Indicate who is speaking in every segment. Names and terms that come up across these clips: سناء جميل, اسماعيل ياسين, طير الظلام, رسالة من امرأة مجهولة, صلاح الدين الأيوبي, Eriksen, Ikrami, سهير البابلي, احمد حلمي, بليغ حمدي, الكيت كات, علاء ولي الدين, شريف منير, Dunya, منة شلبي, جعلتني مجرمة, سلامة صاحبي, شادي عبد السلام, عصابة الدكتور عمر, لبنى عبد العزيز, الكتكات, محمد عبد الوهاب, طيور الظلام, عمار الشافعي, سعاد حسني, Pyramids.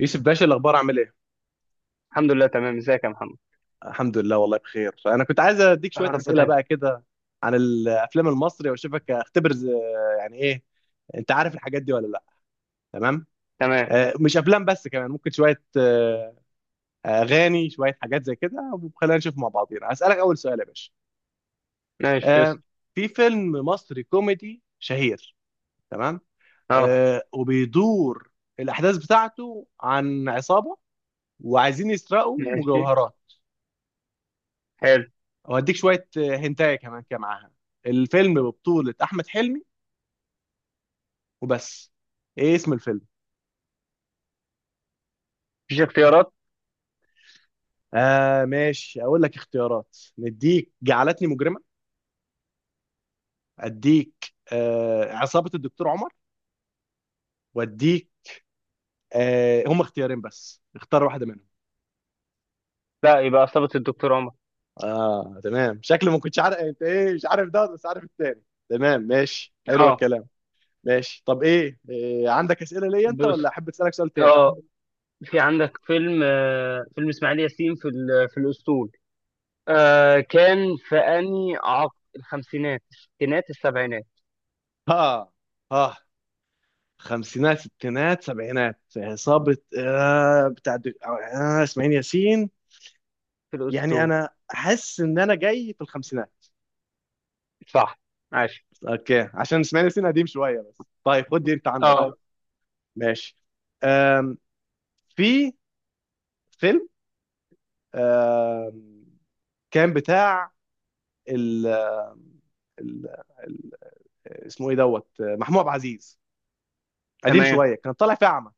Speaker 1: يوسف باشا الاخبار عامل ايه؟
Speaker 2: الحمد لله تمام. ازيك يا محمد؟
Speaker 1: الحمد لله والله بخير. انا كنت عايز اديك
Speaker 2: يا
Speaker 1: شويه
Speaker 2: رب
Speaker 1: اسئله
Speaker 2: دايما.
Speaker 1: بقى كده عن الافلام المصري واشوفك اختبر يعني ايه، انت عارف الحاجات دي ولا لا؟ تمام.
Speaker 2: تمام.
Speaker 1: مش افلام بس، كمان ممكن شويه اغاني، شويه حاجات زي كده. وخلينا نشوف مع بعضينا. هسالك اول سؤال يا باشا.
Speaker 2: ماشي.
Speaker 1: آه،
Speaker 2: اسم.
Speaker 1: في فيلم مصري كوميدي شهير، تمام،
Speaker 2: اه.
Speaker 1: وبيدور الاحداث بتاعته عن عصابه وعايزين يسرقوا
Speaker 2: ماشي
Speaker 1: مجوهرات.
Speaker 2: حلو.
Speaker 1: واديك شويه هنتايه كمان كده معاها. الفيلم ببطوله احمد حلمي وبس. ايه اسم الفيلم؟
Speaker 2: مفيش اختيارات.
Speaker 1: آه ماشي، اقول لك اختيارات. نديك جعلتني مجرمه، اديك عصابه الدكتور عمر، واديك هم اختيارين بس، اختار واحده منهم.
Speaker 2: لا، يبقى عصابة الدكتور عمر.
Speaker 1: اه تمام، شكلي ما كنتش عارف انت ايه، مش عارف ده بس عارف التاني. تمام ماشي، حلو
Speaker 2: اه.
Speaker 1: الكلام. ماشي، طب إيه، عندك اسئله ليا انت ولا
Speaker 2: بص،
Speaker 1: احب اسالك سؤال تاني؟
Speaker 2: اه في عندك فيلم فيلم اسماعيل ياسين في في الاسطول. آه كان في انهي عقد، الخمسينات، الستينات، السبعينات؟
Speaker 1: ها ها، خمسينات ستينات سبعينات، عصابة آه بتاع دك... آه اسماعيل ياسين.
Speaker 2: في
Speaker 1: يعني
Speaker 2: الاسطول.
Speaker 1: أنا أحس إن أنا جاي في الخمسينات.
Speaker 2: صح. ماشي.
Speaker 1: أوكي، عشان اسماعيل ياسين قديم شوية. بس طيب خد دي، أنت عندك دي
Speaker 2: اه.
Speaker 1: بقى؟ ماشي. آم في فيلم، آم كان بتاع ال... ال... ال... اسمه إيه دوت، محمود عبد العزيز. قديم
Speaker 2: تمام.
Speaker 1: شوية، كان طالع في أعمى،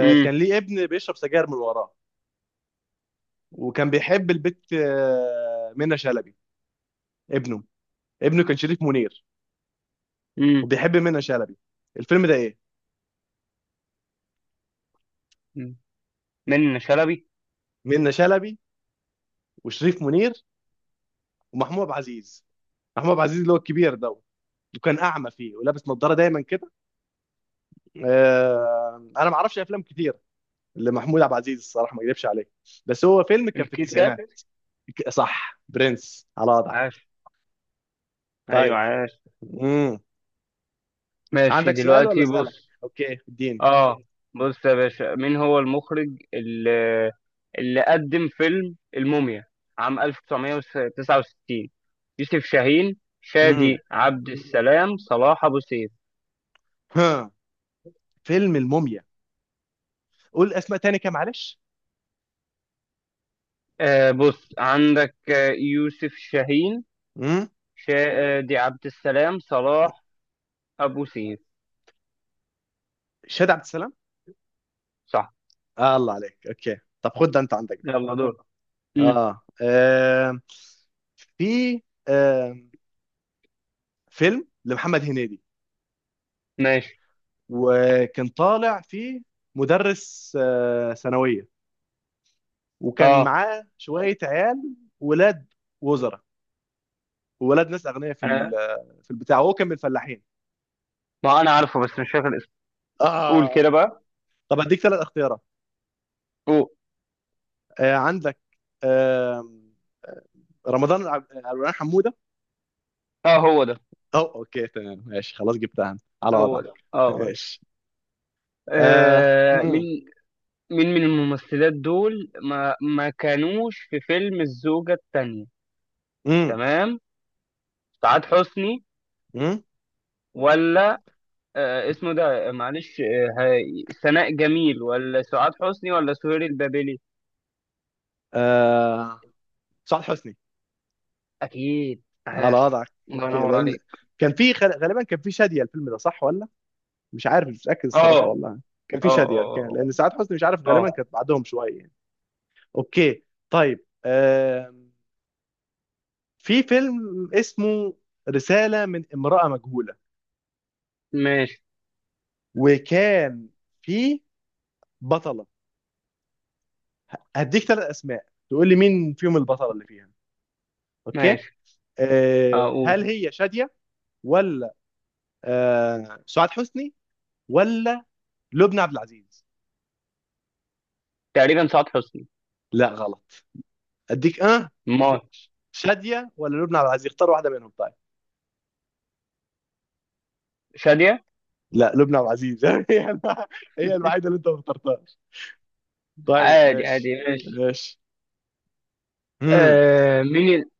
Speaker 2: امم
Speaker 1: ليه ابن بيشرب سجاير من وراه. وكان بيحب البت منة شلبي. ابنه، ابنه كان شريف منير،
Speaker 2: امم
Speaker 1: وبيحب منة شلبي. الفيلم ده ايه؟
Speaker 2: من شلبي.
Speaker 1: منة شلبي وشريف منير ومحمود عبد العزيز. محمود عبد العزيز اللي هو الكبير ده، وكان اعمى فيه ولابس نظاره دايما كده. آه انا ما اعرفش افلام كتير لمحمود عبد العزيز الصراحه، ما اكذبش عليك، بس هو فيلم كان في
Speaker 2: الكيت كات.
Speaker 1: التسعينات. صح، برنس، على وضعك.
Speaker 2: عاش. ايوه
Speaker 1: طيب.
Speaker 2: عاش.
Speaker 1: امم.
Speaker 2: ماشي
Speaker 1: عندك سؤال ولا
Speaker 2: دلوقتي،
Speaker 1: اسالك؟
Speaker 2: بص.
Speaker 1: اوكي اديني.
Speaker 2: اه. بص يا باشا، مين هو المخرج اللي قدم فيلم الموميا عام 1969؟ يوسف شاهين،
Speaker 1: امم.
Speaker 2: شادي عبد السلام، صلاح أبو سيف.
Speaker 1: ها، فيلم الموميا. قول اسماء تاني كده معلش.
Speaker 2: آه بص عندك، يوسف شاهين،
Speaker 1: امم.
Speaker 2: شادي عبد السلام، صلاح أبو سيف.
Speaker 1: شاد عبد السلام.
Speaker 2: صح.
Speaker 1: آه الله عليك، اوكي. طب خد ده انت عندك بقى.
Speaker 2: يلا دور. مم.
Speaker 1: اه, آه. في آه. فيلم لمحمد هنيدي،
Speaker 2: ماشي.
Speaker 1: وكان طالع فيه مدرس ثانوية، وكان
Speaker 2: اه.
Speaker 1: معاه شوية عيال، ولاد وزراء وولاد ناس أغنياء في
Speaker 2: أنا،
Speaker 1: في البتاع، وهو كان من الفلاحين.
Speaker 2: ما أنا عارفه بس مش فاكر اسمه. قول كده
Speaker 1: اه.
Speaker 2: بقى.
Speaker 1: طب هديك ثلاث اختيارات.
Speaker 2: قول.
Speaker 1: عندك آه رمضان، عبد الرحمن حمودة،
Speaker 2: اه هو ده،
Speaker 1: أو أوكي. تمام ماشي، خلاص جبتها أنا، على
Speaker 2: هو ده.
Speaker 1: وضعك
Speaker 2: اه هو ده.
Speaker 1: ماشي. آه. مم.
Speaker 2: مين؟ مين من الممثلات دول ما كانوش في فيلم الزوجة التانية؟
Speaker 1: مم.
Speaker 2: تمام. سعاد حسني،
Speaker 1: مم.
Speaker 2: ولا آه اسمه ده آه، معلش آه هاي- سناء جميل، ولا سعاد حسني، ولا سهير البابلي؟
Speaker 1: آه. سعاد حسني.
Speaker 2: اكيد،
Speaker 1: على
Speaker 2: عاش.
Speaker 1: وضعك.
Speaker 2: الله
Speaker 1: اوكي،
Speaker 2: ينور
Speaker 1: لان
Speaker 2: عليك.
Speaker 1: كان في غالبا كان في شاديه الفيلم ده، صح ولا؟ مش عارف، مش متاكد
Speaker 2: اه
Speaker 1: الصراحه
Speaker 2: اه
Speaker 1: والله. كان في
Speaker 2: اه.
Speaker 1: شاديه، اوكي،
Speaker 2: اه
Speaker 1: لان سعاد حسني مش عارف
Speaker 2: اه.
Speaker 1: غالبا
Speaker 2: آه.
Speaker 1: كانت بعدهم شويه يعني. اوكي. طيب في فيلم اسمه رساله من امراه مجهوله،
Speaker 2: ماشي.
Speaker 1: وكان في بطله. هديك ثلاث اسماء تقول لي مين فيهم البطله اللي فيها. اوكي.
Speaker 2: ماشي.
Speaker 1: هل
Speaker 2: اقول
Speaker 1: هي شاديه، ولا سعاد حسني، ولا لبنى عبد العزيز؟
Speaker 2: تقريبا سعاد حسني.
Speaker 1: لا غلط. اديك اه،
Speaker 2: ما
Speaker 1: شادية ولا لبنى عبد العزيز، اختار واحدة منهم طيب.
Speaker 2: شادية.
Speaker 1: لا لبنى عبد العزيز هي الوحيدة اللي انت ما اخترتهاش. طيب
Speaker 2: عادي
Speaker 1: ماشي.
Speaker 2: عادي. ماشي.
Speaker 1: ماشي. امم.
Speaker 2: مين؟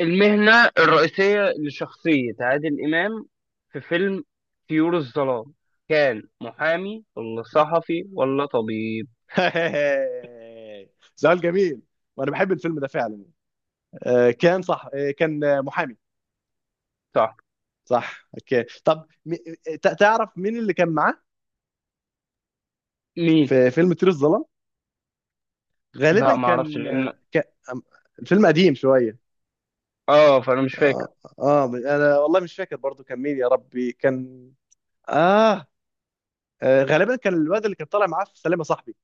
Speaker 2: المهنة الرئيسية لشخصية عادل إمام في فيلم طيور الظلام، كان محامي ولا صحفي ولا طبيب؟
Speaker 1: سؤال جميل، وانا بحب الفيلم ده فعلا. آه كان صح، آه كان محامي.
Speaker 2: صح.
Speaker 1: صح اوكي. طب تعرف مين اللي كان معاه
Speaker 2: مين؟
Speaker 1: في فيلم طير الظلام؟
Speaker 2: لا،
Speaker 1: غالبا
Speaker 2: ما اعرفش
Speaker 1: كان
Speaker 2: لان
Speaker 1: كان- الفيلم قديم شوية.
Speaker 2: اه، فانا مش فاكر.
Speaker 1: اه, آه انا والله مش فاكر برضو كان مين، يا ربي كان، اه, آه غالبا كان الواد اللي كان طالع معاه في سلامة صاحبي.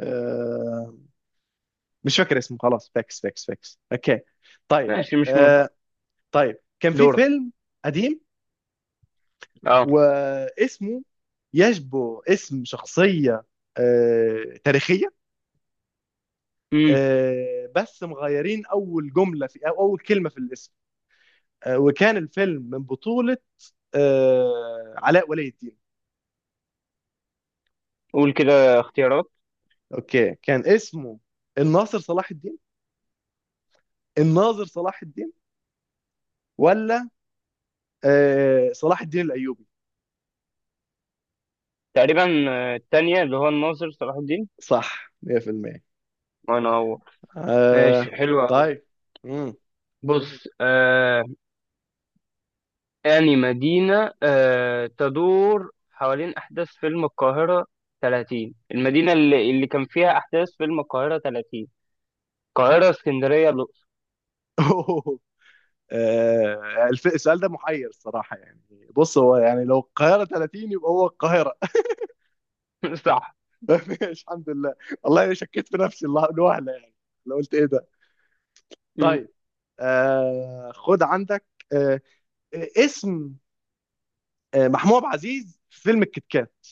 Speaker 1: آه مش فاكر اسمه، خلاص، فاكس فاكس فاكس اوكي. طيب.
Speaker 2: ماشي، مش مهم.
Speaker 1: آه طيب كان في
Speaker 2: دورك.
Speaker 1: فيلم قديم،
Speaker 2: اه.
Speaker 1: واسمه يشبه اسم شخصية تاريخية،
Speaker 2: امم
Speaker 1: بس مغيرين أول جملة في أو أول كلمة في الاسم، وكان الفيلم من بطولة علاء ولي الدين.
Speaker 2: قول كده اختيارات.
Speaker 1: اوكي، كان اسمه الناصر صلاح الدين، الناظر صلاح الدين، ولا صلاح الدين الايوبي؟
Speaker 2: تقريبا التانية اللي هو الناظر صلاح الدين.
Speaker 1: صح 100%.
Speaker 2: وانا هو.
Speaker 1: آه.
Speaker 2: ماشي، حلوة.
Speaker 1: طيب. امم.
Speaker 2: بص آه، يعني مدينة، تدور حوالين أحداث فيلم القاهرة 30. المدينة اللي كان فيها أحداث فيلم القاهرة 30: القاهرة، اسكندرية، الأقصر؟
Speaker 1: آه السؤال ده محير الصراحه يعني. بص، هو يعني لو القاهره 30 يبقى هو القاهره.
Speaker 2: صح.
Speaker 1: ماشي الحمد لله. والله انا شكيت في نفسي الوهله يعني، لو قلت ايه ده.
Speaker 2: م.
Speaker 1: طيب، خد عندك آه اسم محمود عبد العزيز في فيلم الكتكات.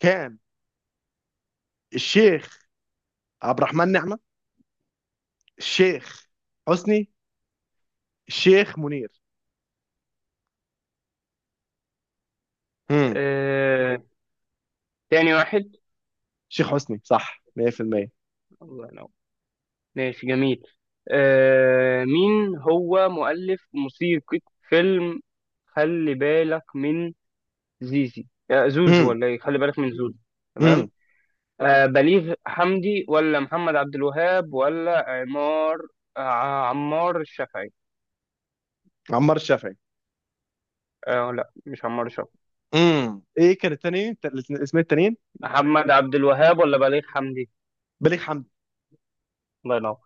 Speaker 1: كان الشيخ عبد الرحمن نعمة، الشيخ حسني، الشيخ منير. امم.
Speaker 2: آه، تاني واحد.
Speaker 1: الشيخ حسني صح 100%.
Speaker 2: الله ينور. ماشي جميل. مين هو مؤلف موسيقى فيلم خلي بالك من زيزي، زوزو،
Speaker 1: امم.
Speaker 2: ولا إيه؟ خلي بالك من زوزو.
Speaker 1: امم
Speaker 2: آه بليغ حمدي، ولا محمد عبد الوهاب، ولا عمار، آه عمار الشافعي؟
Speaker 1: عمار الشافعي.
Speaker 2: آه لا، مش عمار الشافعي.
Speaker 1: ايه كان التاني اسمين التانيين؟
Speaker 2: محمد عبد الوهاب ولا بليغ حمدي؟
Speaker 1: بليغ حمدي.
Speaker 2: الله ينور.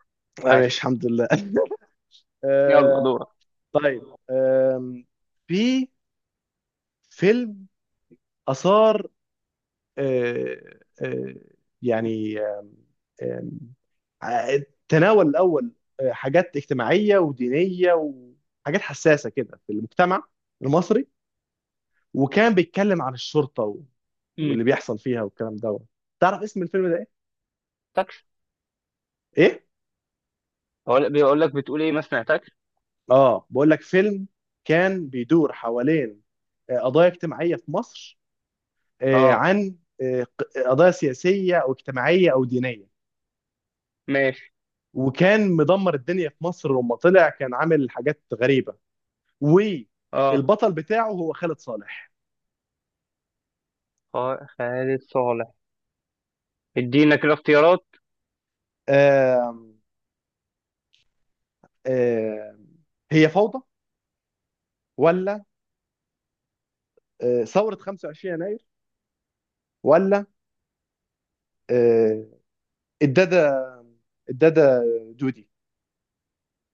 Speaker 1: آه
Speaker 2: عاش.
Speaker 1: ماشي الحمد لله.
Speaker 2: يلا
Speaker 1: آه.
Speaker 2: دورك.
Speaker 1: طيب آم، في فيلم اثار آه آه يعني، آم، ع- تناول الاول حاجات اجتماعيه ودينيه وحاجات حساسه كده في المجتمع المصري، وكان بيتكلم عن الشرطه و
Speaker 2: امم
Speaker 1: واللي بيحصل فيها والكلام دوت. تعرف اسم الفيلم ده ايه؟
Speaker 2: تاكش.
Speaker 1: ايه؟
Speaker 2: هو بيقول لك، بتقول ايه؟ ما سمعتكش.
Speaker 1: اه بقول لك فيلم كان بيدور حوالين قضايا اجتماعيه في مصر،
Speaker 2: اه.
Speaker 1: عن قضايا سياسيه او اجتماعيه او دينيه،
Speaker 2: ماشي.
Speaker 1: وكان مدمر الدنيا في مصر لما طلع، كان عامل حاجات غريبه،
Speaker 2: اه.
Speaker 1: والبطل بتاعه هو خالد صالح.
Speaker 2: خالد صالح. ادينا كده اختيارات.
Speaker 1: آم، آم، هي فوضى، ولا ثوره 25 يناير، ولا آه، الداده الدادا دودي؟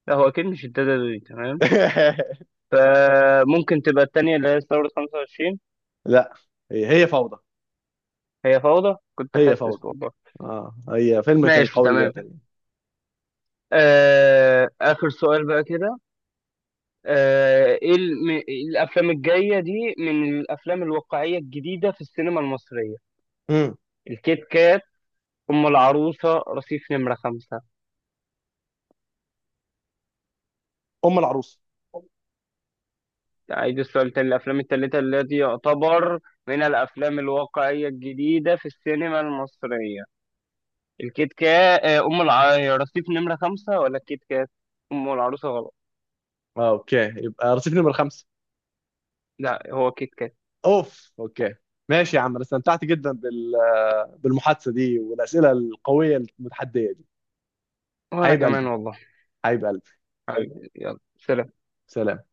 Speaker 2: لا هو اكيد مش الدادا دي، تمام. فممكن تبقى التانية اللي هي ثورة 25.
Speaker 1: لا، هي هي فوضى.
Speaker 2: هي فوضى، كنت
Speaker 1: هي
Speaker 2: حاسس
Speaker 1: فوضى.
Speaker 2: والله.
Speaker 1: اه، هي فيلم كان
Speaker 2: ماشي
Speaker 1: قوي جدا
Speaker 2: تمام.
Speaker 1: يعني.
Speaker 2: آه آخر سؤال بقى كده. آه، ايه إيه الافلام الجايه دي من الافلام الواقعيه الجديده في السينما المصريه؟
Speaker 1: مم.
Speaker 2: الكيت كات، ام العروسه، رصيف نمرة 5؟
Speaker 1: ام العروس.
Speaker 2: أعيد السؤال تاني. الأفلام التالتة التي يعتبر من الأفلام الواقعية الجديدة في السينما المصرية: الكيت كات، أم رصيف نمرة 5، ولا الكيت كات؟ أم العروسة غلط.
Speaker 1: آه اوكي، يبقى رصيف نمرة خمسة.
Speaker 2: لا هو كيت كات.
Speaker 1: اوف اوكي. ماشي يا عم، انا استمتعت جدا بال بالمحادثة دي والاسئلة القوية المتحدية دي.
Speaker 2: وأنا
Speaker 1: حبيب
Speaker 2: كمان
Speaker 1: قلبي،
Speaker 2: والله.
Speaker 1: حبيب قلبي.
Speaker 2: حبيبي، يلا سلام.
Speaker 1: سلام.